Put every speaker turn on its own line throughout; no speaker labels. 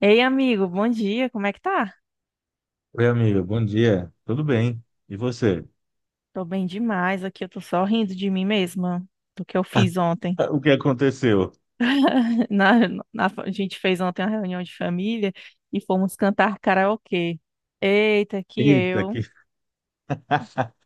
Ei, amigo, bom dia, como é que tá?
Oi, amiga, bom dia. Tudo bem? E você?
Tô bem demais aqui, eu tô só rindo de mim mesma do que eu fiz ontem.
O que aconteceu?
Na, a gente fez ontem uma reunião de família e fomos cantar karaokê. Eita, que
Eita,
eu.
que.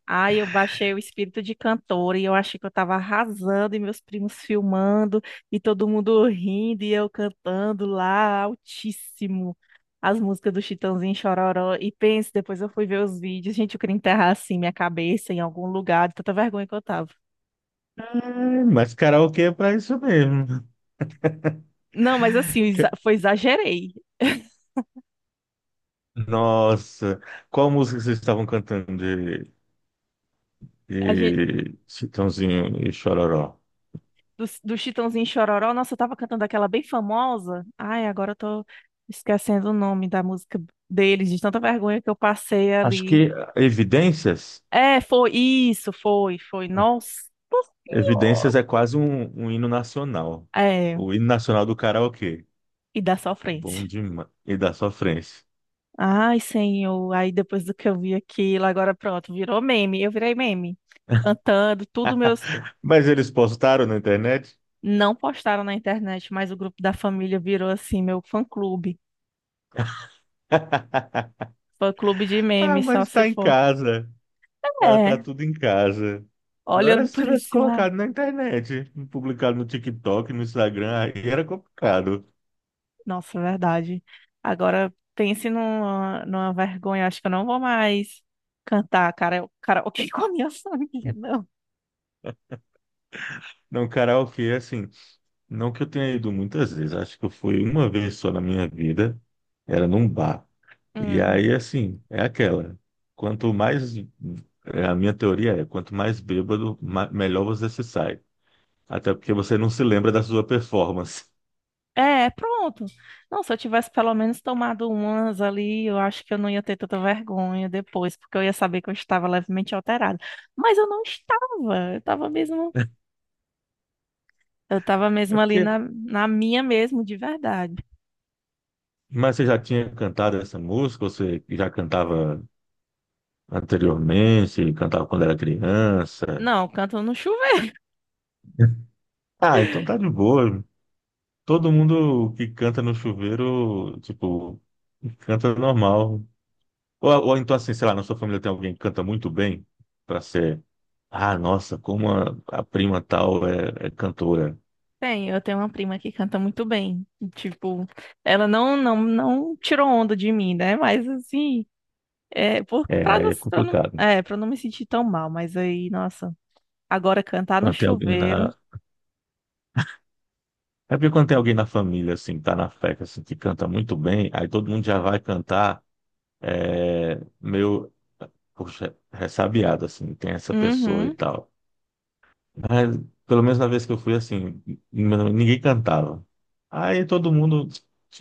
Aí eu baixei o espírito de cantora e eu achei que eu tava arrasando e meus primos filmando e todo mundo rindo e eu cantando lá altíssimo as músicas do Chitãozinho Chororó. E pense, depois eu fui ver os vídeos, gente, eu queria enterrar assim minha cabeça em algum lugar, de tanta vergonha que eu tava.
Ai, mas karaokê é pra isso mesmo.
Não, mas assim, foi exagerei.
Nossa, qual música vocês estavam cantando de,
A gente,
de Chitãozinho e Chororó?
do Chitãozinho Chororó, nossa, eu tava cantando aquela bem famosa. Ai, agora eu tô esquecendo o nome da música deles, de tanta vergonha que eu passei
Acho
ali.
que Evidências.
É, foi isso, foi, foi. Nossa
Evidências
Senhora.
é quase um hino nacional.
É,
O hino nacional do karaokê.
e da sofrência.
Bom demais. E da sofrência.
Ai, Senhor. Aí depois do que eu vi aquilo, agora pronto, virou meme. Eu virei meme. Cantando, tudo meus.
Mas eles postaram na internet?
Não postaram na internet, mas o grupo da família virou assim, meu fã-clube. Fã-clube de
Ah,
meme, só
mas
se
está em
for.
casa. Ela tá
É,
tudo em casa. Pior era
olhando
se
por
tivesse
esse lado.
colocado na internet, publicado no TikTok, no Instagram, aí era complicado.
Nossa, é verdade. Agora pense numa vergonha. Acho que eu não vou mais cantar cara, karaokê com a minha família, não.
Não, karaokê, assim, não que eu tenha ido muitas vezes, acho que eu fui uma vez só na minha vida, era num bar. E
Hum.
aí, assim, é aquela. Quanto mais, é, a minha teoria é, quanto mais bêbado, melhor você se sai. Até porque você não se lembra da sua performance.
É, pronto. Não, se eu tivesse pelo menos tomado umas ali, eu acho que eu não ia ter tanta vergonha depois, porque eu ia saber que eu estava levemente alterada. Mas eu não estava. Eu estava
É
mesmo ali
porque,
na, na minha mesmo, de verdade.
mas você já tinha cantado essa música, você já cantava anteriormente, cantava quando era criança.
Não, canto no chuveiro.
Ah, então tá de boa. Todo mundo que canta no chuveiro, tipo, canta normal. Ou então, assim, sei lá, na sua família tem alguém que canta muito bem, pra ser, ah, nossa, como a prima tal é cantora.
Tem, eu tenho uma prima que canta muito bem. Tipo, ela não tirou onda de mim, né? Mas assim, é, por,
É, aí é
pra não,
complicado.
é, pra não me sentir tão mal, mas aí, nossa, agora cantar no
Quando tem alguém
chuveiro.
na. É porque quando tem alguém na família, assim, que tá na fé, assim, que canta muito bem, aí todo mundo já vai cantar. É, meio poxa, ressabiado, assim, tem essa pessoa e
Uhum.
tal. Mas, pelo menos na vez que eu fui, assim, ninguém cantava. Aí todo mundo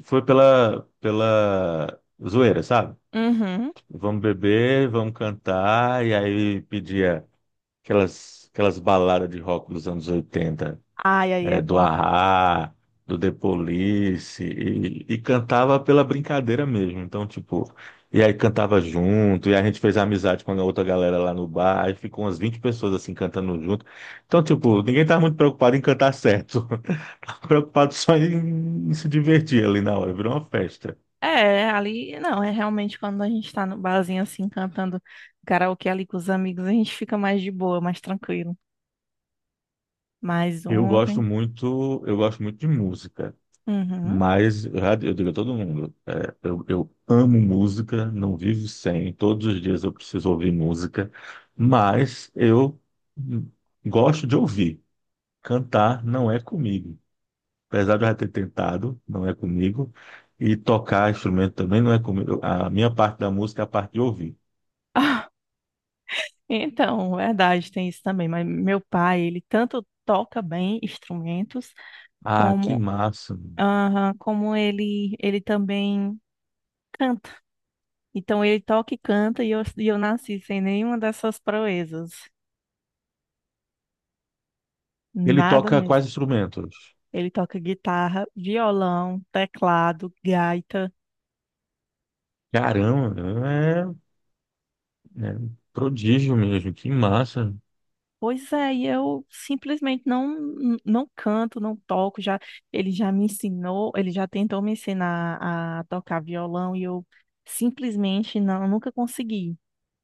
foi pela zoeira, sabe?
Uhum.
Vamos beber, vamos cantar, e aí pedia aquelas baladas de rock dos anos 80
Ai, aí é
do
bom.
Ahá, do The Police, e cantava pela brincadeira mesmo. Então, tipo, e aí cantava junto, e a gente fez amizade com a outra galera lá no bar, aí ficou umas 20 pessoas assim cantando junto. Então, tipo, ninguém tava muito preocupado em cantar certo, tava preocupado só em se divertir ali na hora, virou uma festa.
É, ali, não, é realmente quando a gente tá no barzinho assim, cantando karaokê ali com os amigos, a gente fica mais de boa, mais tranquilo. Mas
Eu gosto
ontem.
muito, eu gosto muito de música.
Uhum.
Mas eu digo a todo mundo, eu amo música, não vivo sem, todos os dias eu preciso ouvir música, mas eu hum, gosto de ouvir. Cantar não é comigo. Apesar de eu já ter tentado, não é comigo. E tocar instrumento também não é comigo. A minha parte da música é a parte de ouvir.
Então, verdade, tem isso também. Mas meu pai, ele tanto toca bem instrumentos,
Ah, que
como,
massa. Mano.
aham, como ele também canta. Então, ele toca e canta, e eu nasci sem nenhuma dessas proezas.
Ele
Nada
toca quais
mesmo.
instrumentos?
Ele toca guitarra, violão, teclado, gaita.
Caramba, é um prodígio mesmo, que massa.
Pois é, e eu simplesmente não canto, não toco, já ele já me ensinou, ele já tentou me ensinar a tocar violão e eu simplesmente não nunca consegui.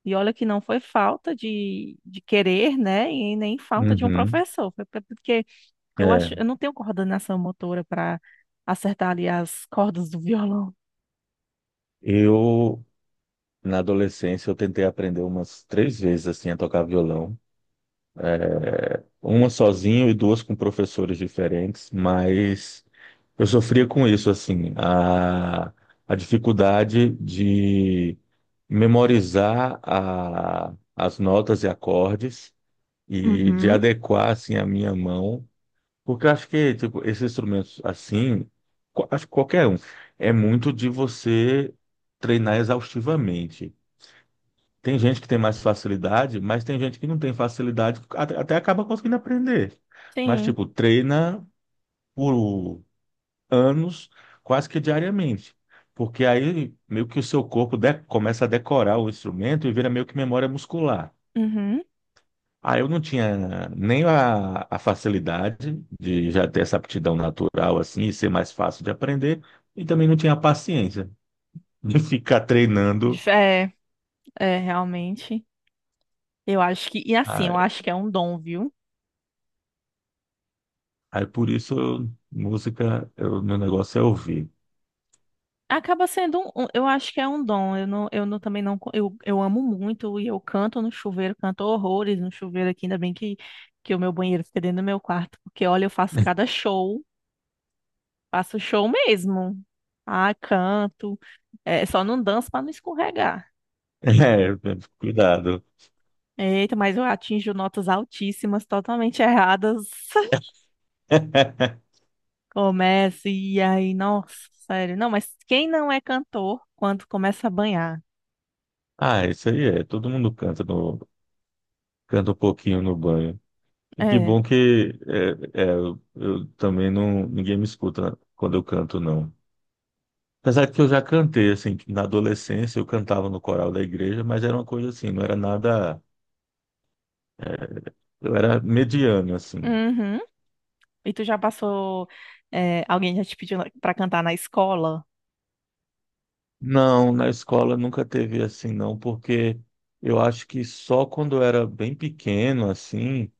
E olha que não foi falta de querer, né? E nem falta de um
Uhum,
professor, porque eu acho,
é.
eu não tenho coordenação motora para acertar ali as cordas do violão.
Eu Na adolescência, eu tentei aprender umas três vezes assim a tocar violão, uma sozinho e duas com professores diferentes, mas eu sofria com isso assim, a dificuldade de memorizar as notas e acordes e de
Uhum.
adequar assim a minha mão, porque eu acho que tipo esses instrumentos assim, acho que qualquer um, é muito de você treinar exaustivamente. Tem gente que tem mais facilidade, mas tem gente que não tem facilidade, até acaba conseguindo aprender. Mas,
Sim.
tipo, treina por anos, quase que diariamente. Porque aí meio que o seu corpo começa a decorar o instrumento e vira meio que memória muscular.
Uhum.
Aí eu não tinha nem a facilidade de já ter essa aptidão natural assim e ser mais fácil de aprender, e também não tinha a paciência de ficar treinando.
É. É, realmente. Eu acho que, e assim, eu
Ah,
acho que é um dom, viu?
aí por isso, música, meu negócio é ouvir.
Acaba sendo um, eu acho que é um dom. Eu não, também não, co- eu amo muito e eu canto no chuveiro, canto horrores no chuveiro aqui, ainda bem que o meu banheiro fica dentro do meu quarto, porque olha, eu faço cada show, faço show mesmo. Ah, canto. É, só não danço pra não escorregar.
É, cuidado.
Eita, mas eu atinjo notas altíssimas, totalmente erradas. Começa e aí, nossa, sério. Não, mas quem não é cantor quando começa a banhar?
Ah, isso aí é. Todo mundo canta um pouquinho no banho. E que
É.
bom que é, eu também não, ninguém me escuta quando eu canto, não. Apesar que eu já cantei, assim, que na adolescência eu cantava no coral da igreja, mas era uma coisa assim, não era nada, é, eu era mediano, assim.
Uhum. E tu já passou, é, alguém já te pediu pra cantar na escola?
Não, na escola nunca teve assim, não, porque eu acho que só quando eu era bem pequeno, assim,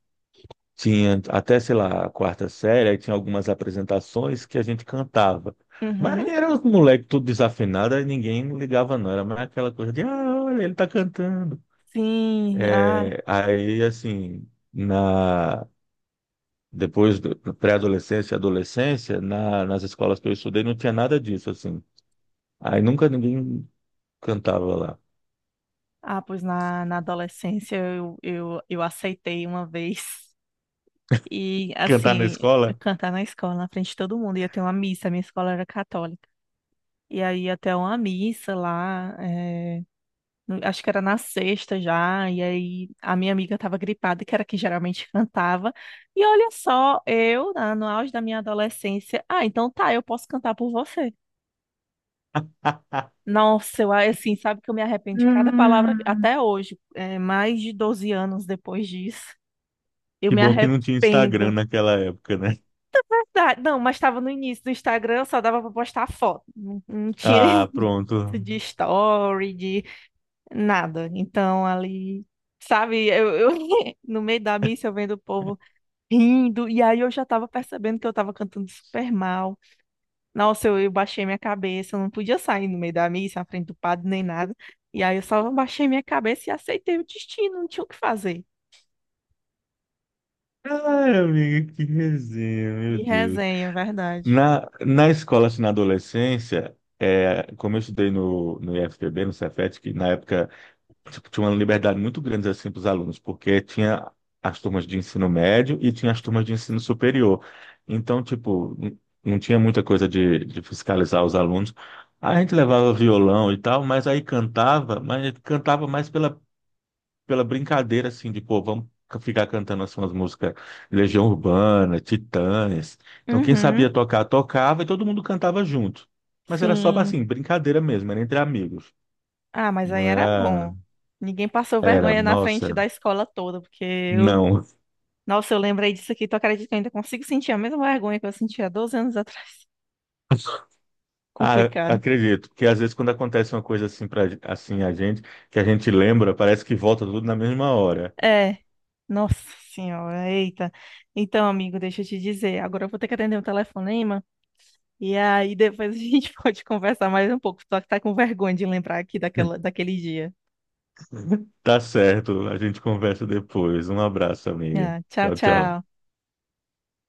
tinha até, sei lá, a quarta série, aí tinha algumas apresentações que a gente cantava. Mas
Uhum.
era os moleques tudo desafinado, aí ninguém ligava, não. Era mais aquela coisa de, ah, olha, ele tá cantando.
Sim. Ah,
É, aí, assim, na. Depois, na pré-adolescência, e adolescência, nas escolas que eu estudei, não tinha nada disso, assim. Aí nunca ninguém cantava lá.
ah, pois na, na adolescência eu aceitei uma vez. E
Cantar na
assim,
escola?
cantar na escola, na frente de todo mundo. Ia ter uma missa, minha escola era católica. E aí ia ter uma missa lá, é, acho que era na sexta já, e aí a minha amiga estava gripada, que era quem geralmente cantava. E olha só, eu, no auge da minha adolescência, ah, então tá, eu posso cantar por você. Nossa, eu assim, sabe que eu me arrependo de cada palavra
Hum.
até hoje, é, mais de 12 anos depois disso. Eu
Que
me
bom que não tinha Instagram
arrependo.
naquela época, né?
Verdade. Não, mas estava no início do Instagram, só dava para postar foto. Não, não tinha
Ah, pronto.
isso de story, de nada. Então, ali, sabe, eu no meio da missa eu vendo o povo rindo, e aí eu já tava percebendo que eu tava cantando super mal. Nossa, eu baixei minha cabeça, eu não podia sair no meio da missa, na frente do padre, nem nada. E aí eu só baixei minha cabeça e aceitei o destino, não tinha o que fazer.
Ai, amiga, que resenha, meu
E
Deus.
resenha, verdade.
Na escola, assim, na adolescência, é, como eu estudei no IFPB, no Cefet, que na época tipo, tinha uma liberdade muito grande assim para os alunos, porque tinha as turmas de ensino médio e tinha as turmas de ensino superior. Então, tipo, não tinha muita coisa de fiscalizar os alunos. A gente levava violão e tal, mas aí cantava, mas cantava mais pela brincadeira, assim, de, pô, vamos ficar cantando assim, umas músicas Legião Urbana, Titãs. Então, quem
Uhum,
sabia tocar, tocava e todo mundo cantava junto. Mas era só,
sim.
assim, brincadeira mesmo, era entre amigos.
Ah, mas aí
Não
era
era.
bom. Ninguém passou
Era,
vergonha na frente
nossa.
da escola toda, porque eu
Não.
Nossa, eu lembrei disso aqui. Tu acredita que eu ainda consigo sentir a mesma vergonha que eu sentia há 12 anos atrás?
Ah,
Complicado.
acredito, porque às vezes quando acontece uma coisa assim para assim a gente, que a gente lembra, parece que volta tudo na mesma hora.
É, nossa senhora, eita. Então, amigo, deixa eu te dizer. Agora eu vou ter que atender um telefonema. E aí depois a gente pode conversar mais um pouco. Só que tá com vergonha de lembrar aqui daquela, daquele dia.
Tá certo, a gente conversa depois. Um abraço, amiga.
Ah, tchau,
Tchau, tchau.
tchau.